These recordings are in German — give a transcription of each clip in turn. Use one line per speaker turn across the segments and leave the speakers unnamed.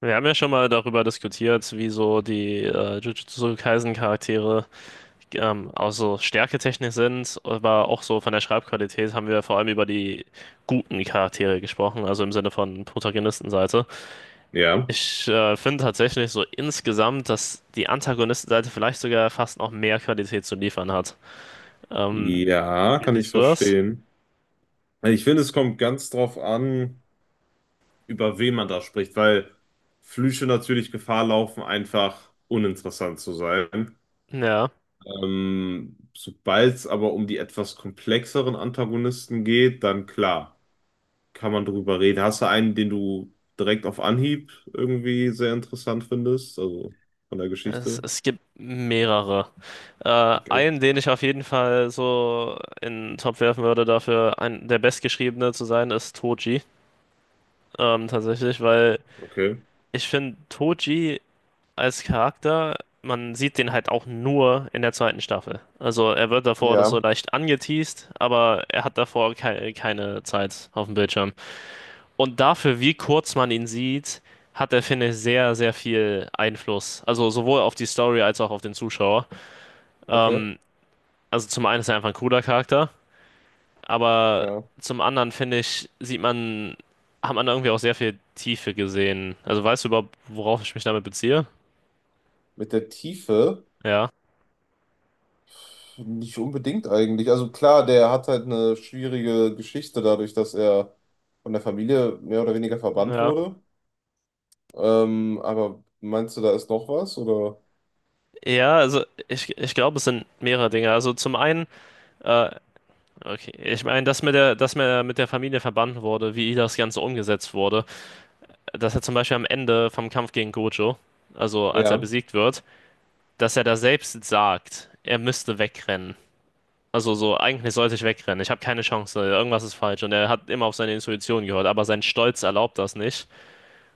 Wir haben ja schon mal darüber diskutiert, wie so die Jujutsu Kaisen Charaktere auch so stärketechnisch sind, aber auch so von der Schreibqualität haben wir vor allem über die guten Charaktere gesprochen, also im Sinne von Protagonistenseite.
Ja,
Ich finde tatsächlich so insgesamt, dass die Antagonistenseite vielleicht sogar fast noch mehr Qualität zu liefern hat. Ähm,
ja,
wie
kann ich
siehst du das?
verstehen. Also ich finde, es kommt ganz drauf an, über wen man da spricht, weil Flüche natürlich Gefahr laufen, einfach uninteressant zu sein.
Ja.
Sobald es aber um die etwas komplexeren Antagonisten geht, dann klar, kann man drüber reden. Hast du einen, den du direkt auf Anhieb irgendwie sehr interessant findest? Also von der
Es,
Geschichte?
es gibt mehrere. Äh,
Okay,
einen, den ich auf jeden Fall so in den Topf werfen würde, dafür ein, der Bestgeschriebene zu sein, ist Toji. Tatsächlich, weil
okay.
ich finde, Toji als Charakter, man sieht den halt auch nur in der zweiten Staffel. Also er wird davor das so
Ja,
leicht angeteased, aber er hat davor keine Zeit auf dem Bildschirm. Und dafür, wie kurz man ihn sieht, hat er, finde ich, sehr, sehr viel Einfluss. Also sowohl auf die Story als auch auf den Zuschauer.
okay,
Ähm, also zum einen ist er einfach ein cooler Charakter, aber
ja.
zum anderen finde ich, sieht man, hat man da irgendwie auch sehr viel Tiefe gesehen. Also weißt du überhaupt, worauf ich mich damit beziehe?
Mit der Tiefe.
Ja,
Nicht unbedingt eigentlich. Also klar, der hat halt eine schwierige Geschichte dadurch, dass er von der Familie mehr oder weniger verbannt
ja.
wurde. Aber meinst du, da ist noch was? Oder?
Ja, also ich glaube, es sind mehrere Dinge. Also zum einen, äh, okay, ich meine, dass mit der, dass mir mit der Familie verbannt wurde, wie das Ganze umgesetzt wurde, dass er zum Beispiel am Ende vom Kampf gegen Gojo, also als er
Ja,
besiegt wird, dass er da selbst sagt, er müsste wegrennen. Also so, eigentlich sollte ich wegrennen. Ich habe keine Chance. Irgendwas ist falsch. Und er hat immer auf seine Intuition gehört, aber sein Stolz erlaubt das nicht.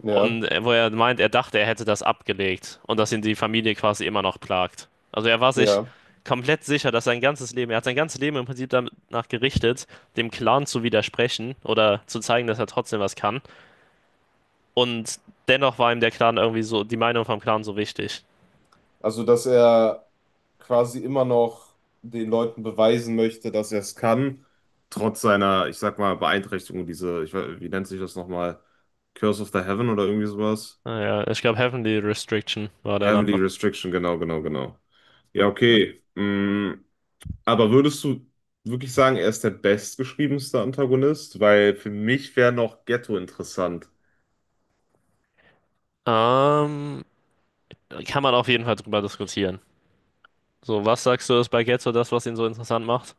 ja,
Und wo er meint, er dachte, er hätte das abgelegt und dass ihn die Familie quasi immer noch plagt. Also er war sich
ja.
komplett sicher, dass sein ganzes Leben, er hat sein ganzes Leben im Prinzip danach gerichtet, dem Clan zu widersprechen oder zu zeigen, dass er trotzdem was kann. Und dennoch war ihm der Clan irgendwie so, die Meinung vom Clan so wichtig.
Also, dass er quasi immer noch den Leuten beweisen möchte, dass er es kann, trotz seiner, ich sag mal, Beeinträchtigung, diese, ich, wie nennt sich das nochmal? Curse of the Heaven oder irgendwie sowas?
Naja, ich glaube, Heavenly Restriction war der
Heavily
Name.
Restriction, genau. Ja, okay. Mm, Aber würdest du wirklich sagen, er ist der bestgeschriebenste Antagonist? Weil für mich wäre noch Ghetto interessant.
Ähm, kann man auf jeden Fall drüber diskutieren. So, was sagst du, ist bei Getzo das, was ihn so interessant macht?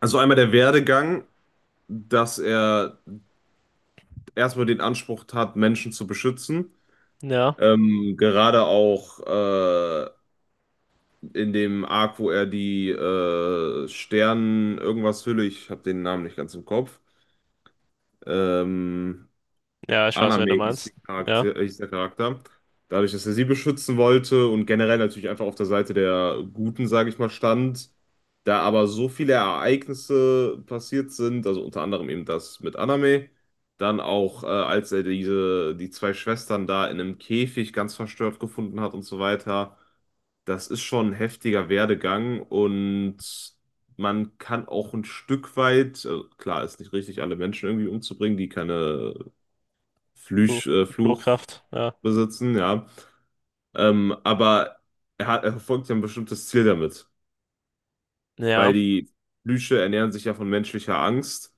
Also einmal der Werdegang, dass er erstmal den Anspruch hat, Menschen zu beschützen.
Ja.
Gerade auch in dem Arc, wo er die Stern irgendwas Hülle, ich habe den Namen nicht ganz im Kopf, ähm,
Ja, ich weiß, wen
Aname
du
hieß,
meinst. Ja.
Hieß der Charakter. Dadurch, dass er sie beschützen wollte und generell natürlich einfach auf der Seite der Guten, sage ich mal, stand, da aber so viele Ereignisse passiert sind, also unter anderem eben das mit Aname, dann auch, als er die zwei Schwestern da in einem Käfig ganz verstört gefunden hat und so weiter, das ist schon ein heftiger Werdegang, und man kann auch ein Stück weit, klar, ist nicht richtig, alle Menschen irgendwie umzubringen, die keine
Flo-
Fluch
Flugkraft. Ja.
besitzen, ja. Aber er hat, er verfolgt ja ein bestimmtes Ziel damit, weil
Ja.
die Flüche ernähren sich ja von menschlicher Angst.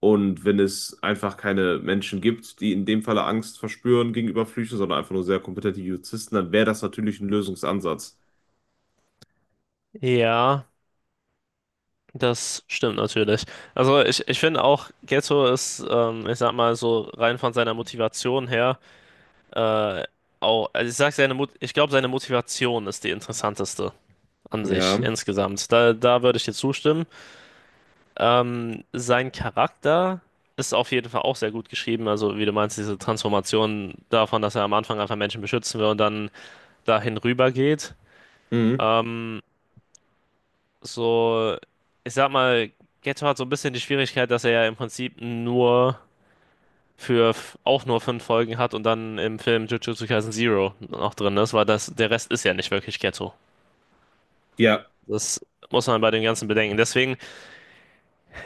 Und wenn es einfach keine Menschen gibt, die in dem Falle Angst verspüren gegenüber Flüchen, sondern einfach nur sehr kompetente Juristen, dann wäre das natürlich ein Lösungsansatz.
Ja. Das stimmt natürlich. Also ich finde auch, Getzo ist, ich sag mal so rein von seiner Motivation her, äh, auch, also ich sag seine Mut, ich glaube, seine Motivation ist die interessanteste an sich
Ja.
insgesamt. Da würde ich dir zustimmen. Sein Charakter ist auf jeden Fall auch sehr gut geschrieben. Also, wie du meinst, diese Transformation davon, dass er am Anfang einfach Menschen beschützen will und dann dahin rüber geht.
Mhm.
Ähm, so, ich sag mal, Geto hat so ein bisschen die Schwierigkeit, dass er ja im Prinzip nur für auch nur 5 Folgen hat und dann im Film Jujutsu Kaisen Zero noch drin ist, weil das, der Rest ist ja nicht wirklich Geto.
Ja.
Das muss man bei dem Ganzen bedenken. Deswegen.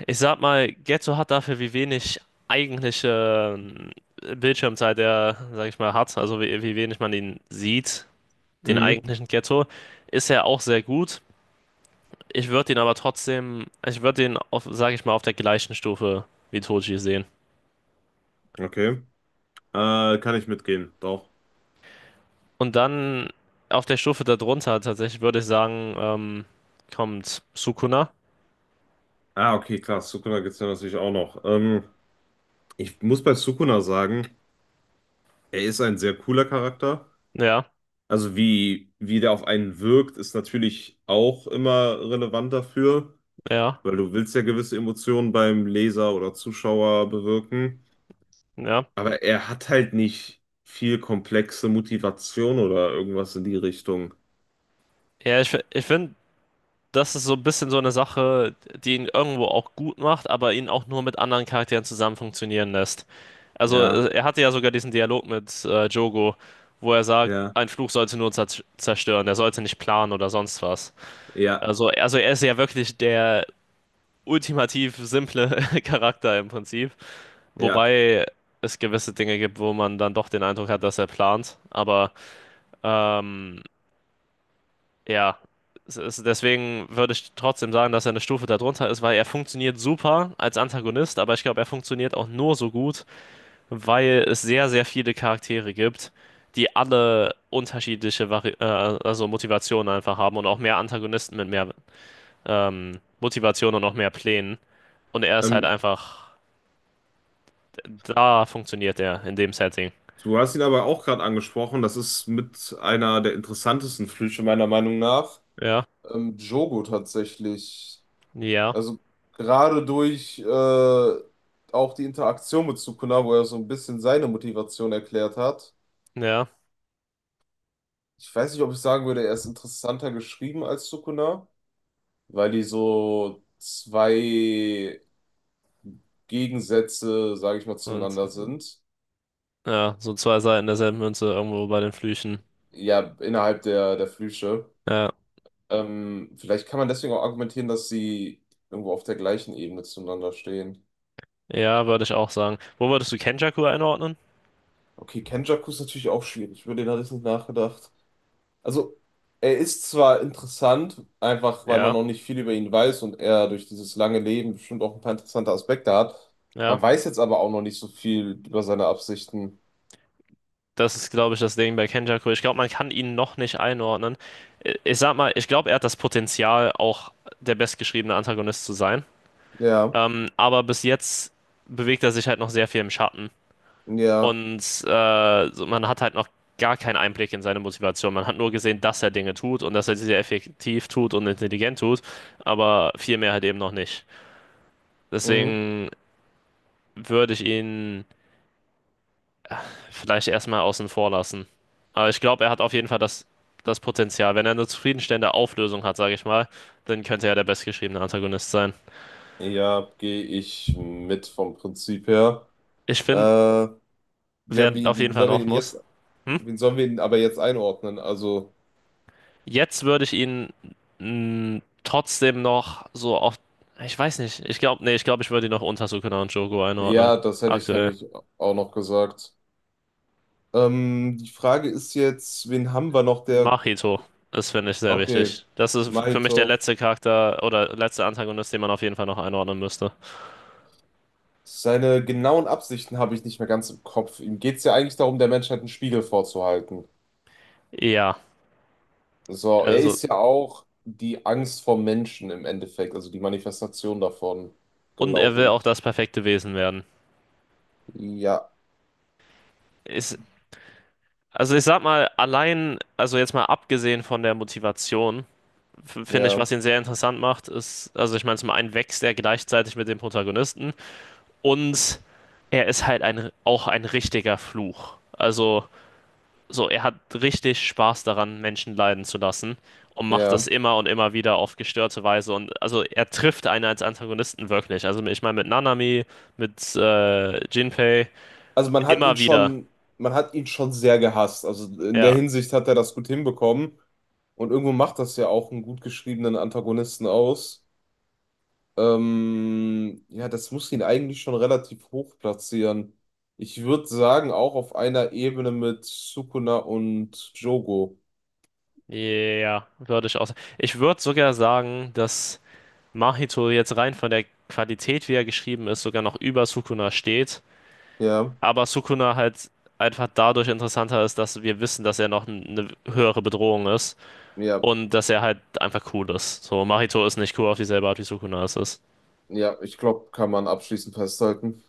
Ich sag mal, Getzo hat dafür, wie wenig eigentliche Bildschirmzeit er, sag ich mal, hat, also wie, wie wenig man ihn sieht, den
Mhm.
eigentlichen Getzo, ist er auch sehr gut. Ich würde ihn aber trotzdem, ich würde ihn, auf, sag ich mal, auf der gleichen Stufe wie Toji sehen.
Okay. Kann ich mitgehen, doch.
Und dann auf der Stufe darunter tatsächlich würde ich sagen, kommt Sukuna.
Ah, okay, klar. Sukuna gibt es ja natürlich auch noch. Ich muss bei Sukuna sagen, er ist ein sehr cooler Charakter.
Ja,
Also wie, wie der auf einen wirkt, ist natürlich auch immer relevant dafür,
ja,
weil du willst ja gewisse Emotionen beim Leser oder Zuschauer bewirken.
ja.
Aber er hat halt nicht viel komplexe Motivation oder irgendwas in die Richtung.
Ja, ich finde, das ist so ein bisschen so eine Sache, die ihn irgendwo auch gut macht, aber ihn auch nur mit anderen Charakteren zusammen funktionieren lässt. Also
Ja,
er hatte ja sogar diesen Dialog mit Jogo, wo er sagt,
ja,
ein Fluch sollte nur zerstören, er sollte nicht planen oder sonst was.
ja,
Also er ist ja wirklich der ultimativ simple Charakter im Prinzip.
ja.
Wobei es gewisse Dinge gibt, wo man dann doch den Eindruck hat, dass er plant. Aber ähm, Ja, es ist, deswegen würde ich trotzdem sagen, dass er eine Stufe darunter ist, weil er funktioniert super als Antagonist, aber ich glaube, er funktioniert auch nur so gut, weil es sehr, sehr viele Charaktere gibt, die alle unterschiedliche Vari also Motivationen einfach haben und auch mehr Antagonisten mit mehr Motivation und auch mehr Plänen. Und er ist halt
Ähm,
einfach, da funktioniert er in dem Setting.
du hast ihn aber auch gerade angesprochen. Das ist mit einer der interessantesten Flüche meiner Meinung nach.
Ja,
Jogo tatsächlich.
ja,
Also gerade durch auch die Interaktion mit Sukuna, wo er so ein bisschen seine Motivation erklärt hat.
ja.
Ich weiß nicht, ob ich sagen würde, er ist interessanter geschrieben als Sukuna, weil die so zwei Gegensätze, sage ich mal,
Und
zueinander sind.
ja, so zwei Seiten derselben Münze irgendwo bei den Flüchen.
Ja, innerhalb der Flüche.
Ja.
Vielleicht kann man deswegen auch argumentieren, dass sie irgendwo auf der gleichen Ebene zueinander stehen.
Ja, würde ich auch sagen. Wo würdest du Kenjaku einordnen?
Okay, Kenjaku ist natürlich auch schwierig. Über den hatte ich nicht nachgedacht. Also, er ist zwar interessant, einfach weil man
Ja,
noch nicht viel über ihn weiß und er durch dieses lange Leben bestimmt auch ein paar interessante Aspekte hat.
ja.
Man weiß jetzt aber auch noch nicht so viel über seine Absichten.
Das ist, glaube ich, das Ding bei Kenjaku. Ich glaube, man kann ihn noch nicht einordnen. Ich sag mal, ich glaube, er hat das Potenzial, auch der bestgeschriebene Antagonist zu sein.
Ja,
Aber bis jetzt bewegt er sich halt noch sehr viel im Schatten.
ja,
Und so, man hat halt noch gar keinen Einblick in seine Motivation. Man hat nur gesehen, dass er Dinge tut und dass er sie sehr effektiv tut und intelligent tut. Aber viel mehr halt eben noch nicht.
mhm.
Deswegen würde ich ihn. Vielleicht erstmal außen vor lassen. Aber ich glaube, er hat auf jeden Fall das Potenzial. Wenn er eine zufriedenstellende Auflösung hat, sage ich mal, dann könnte er der bestgeschriebene Antagonist sein.
Ja, gehe ich mit vom Prinzip her.
Ich finde,
Äh, ja,
wer auf jeden
wie
Fall
sollen wir
noch
ihn
muss.
jetzt,
Hm?
wen sollen wir ihn aber jetzt einordnen? Also,
Jetzt würde ich ihn trotzdem noch so auf. Ich weiß nicht. Ich glaube, ich würde ihn noch unter Sukuna und Jogo einordnen.
ja, das hätte ich
Aktuell.
nämlich auch noch gesagt. Die Frage ist jetzt, wen haben wir noch, der,
Mahito ist, finde ich, sehr
okay,
wichtig. Das ist für mich der
Mahito.
letzte Charakter oder letzte Antagonist, den man auf jeden Fall noch einordnen müsste.
Seine genauen Absichten habe ich nicht mehr ganz im Kopf. Ihm geht es ja eigentlich darum, der Menschheit einen Spiegel vorzuhalten.
Ja,
So, er
also.
ist ja auch die Angst vor Menschen im Endeffekt, also die Manifestation davon,
Und er
glaube
will auch
ich.
das perfekte Wesen werden.
Ja,
Ist, also ich sag mal, allein, also jetzt mal abgesehen von der Motivation, finde ich,
ja,
was ihn sehr interessant macht, ist, also ich meine, zum einen wächst er gleichzeitig mit dem Protagonisten und er ist halt ein, auch ein richtiger Fluch. Also so, er hat richtig Spaß daran, Menschen leiden zu lassen und macht es
ja.
immer und immer wieder auf gestörte Weise. Und also er trifft einen als Antagonisten wirklich. Also ich meine, mit Nanami, mit Jinpei,
Also man hat ihn
immer wieder.
schon, Man hat ihn schon sehr gehasst. Also in der
Ja.
Hinsicht hat er das gut hinbekommen. Und irgendwo macht das ja auch einen gut geschriebenen Antagonisten aus. Ja, das muss ihn eigentlich schon relativ hoch platzieren. Ich würde sagen, auch auf einer Ebene mit Sukuna und Jogo.
Ja, würde ich auch sagen. Ich würde sogar sagen, dass Mahito jetzt rein von der Qualität, wie er geschrieben ist, sogar noch über Sukuna steht.
Ja,
Aber Sukuna halt einfach dadurch interessanter ist, dass wir wissen, dass er noch eine höhere Bedrohung ist
ja,
und dass er halt einfach cool ist. So, Mahito ist nicht cool auf dieselbe Art, wie Sukuna es ist.
ja, ich glaube, kann man abschließend festhalten.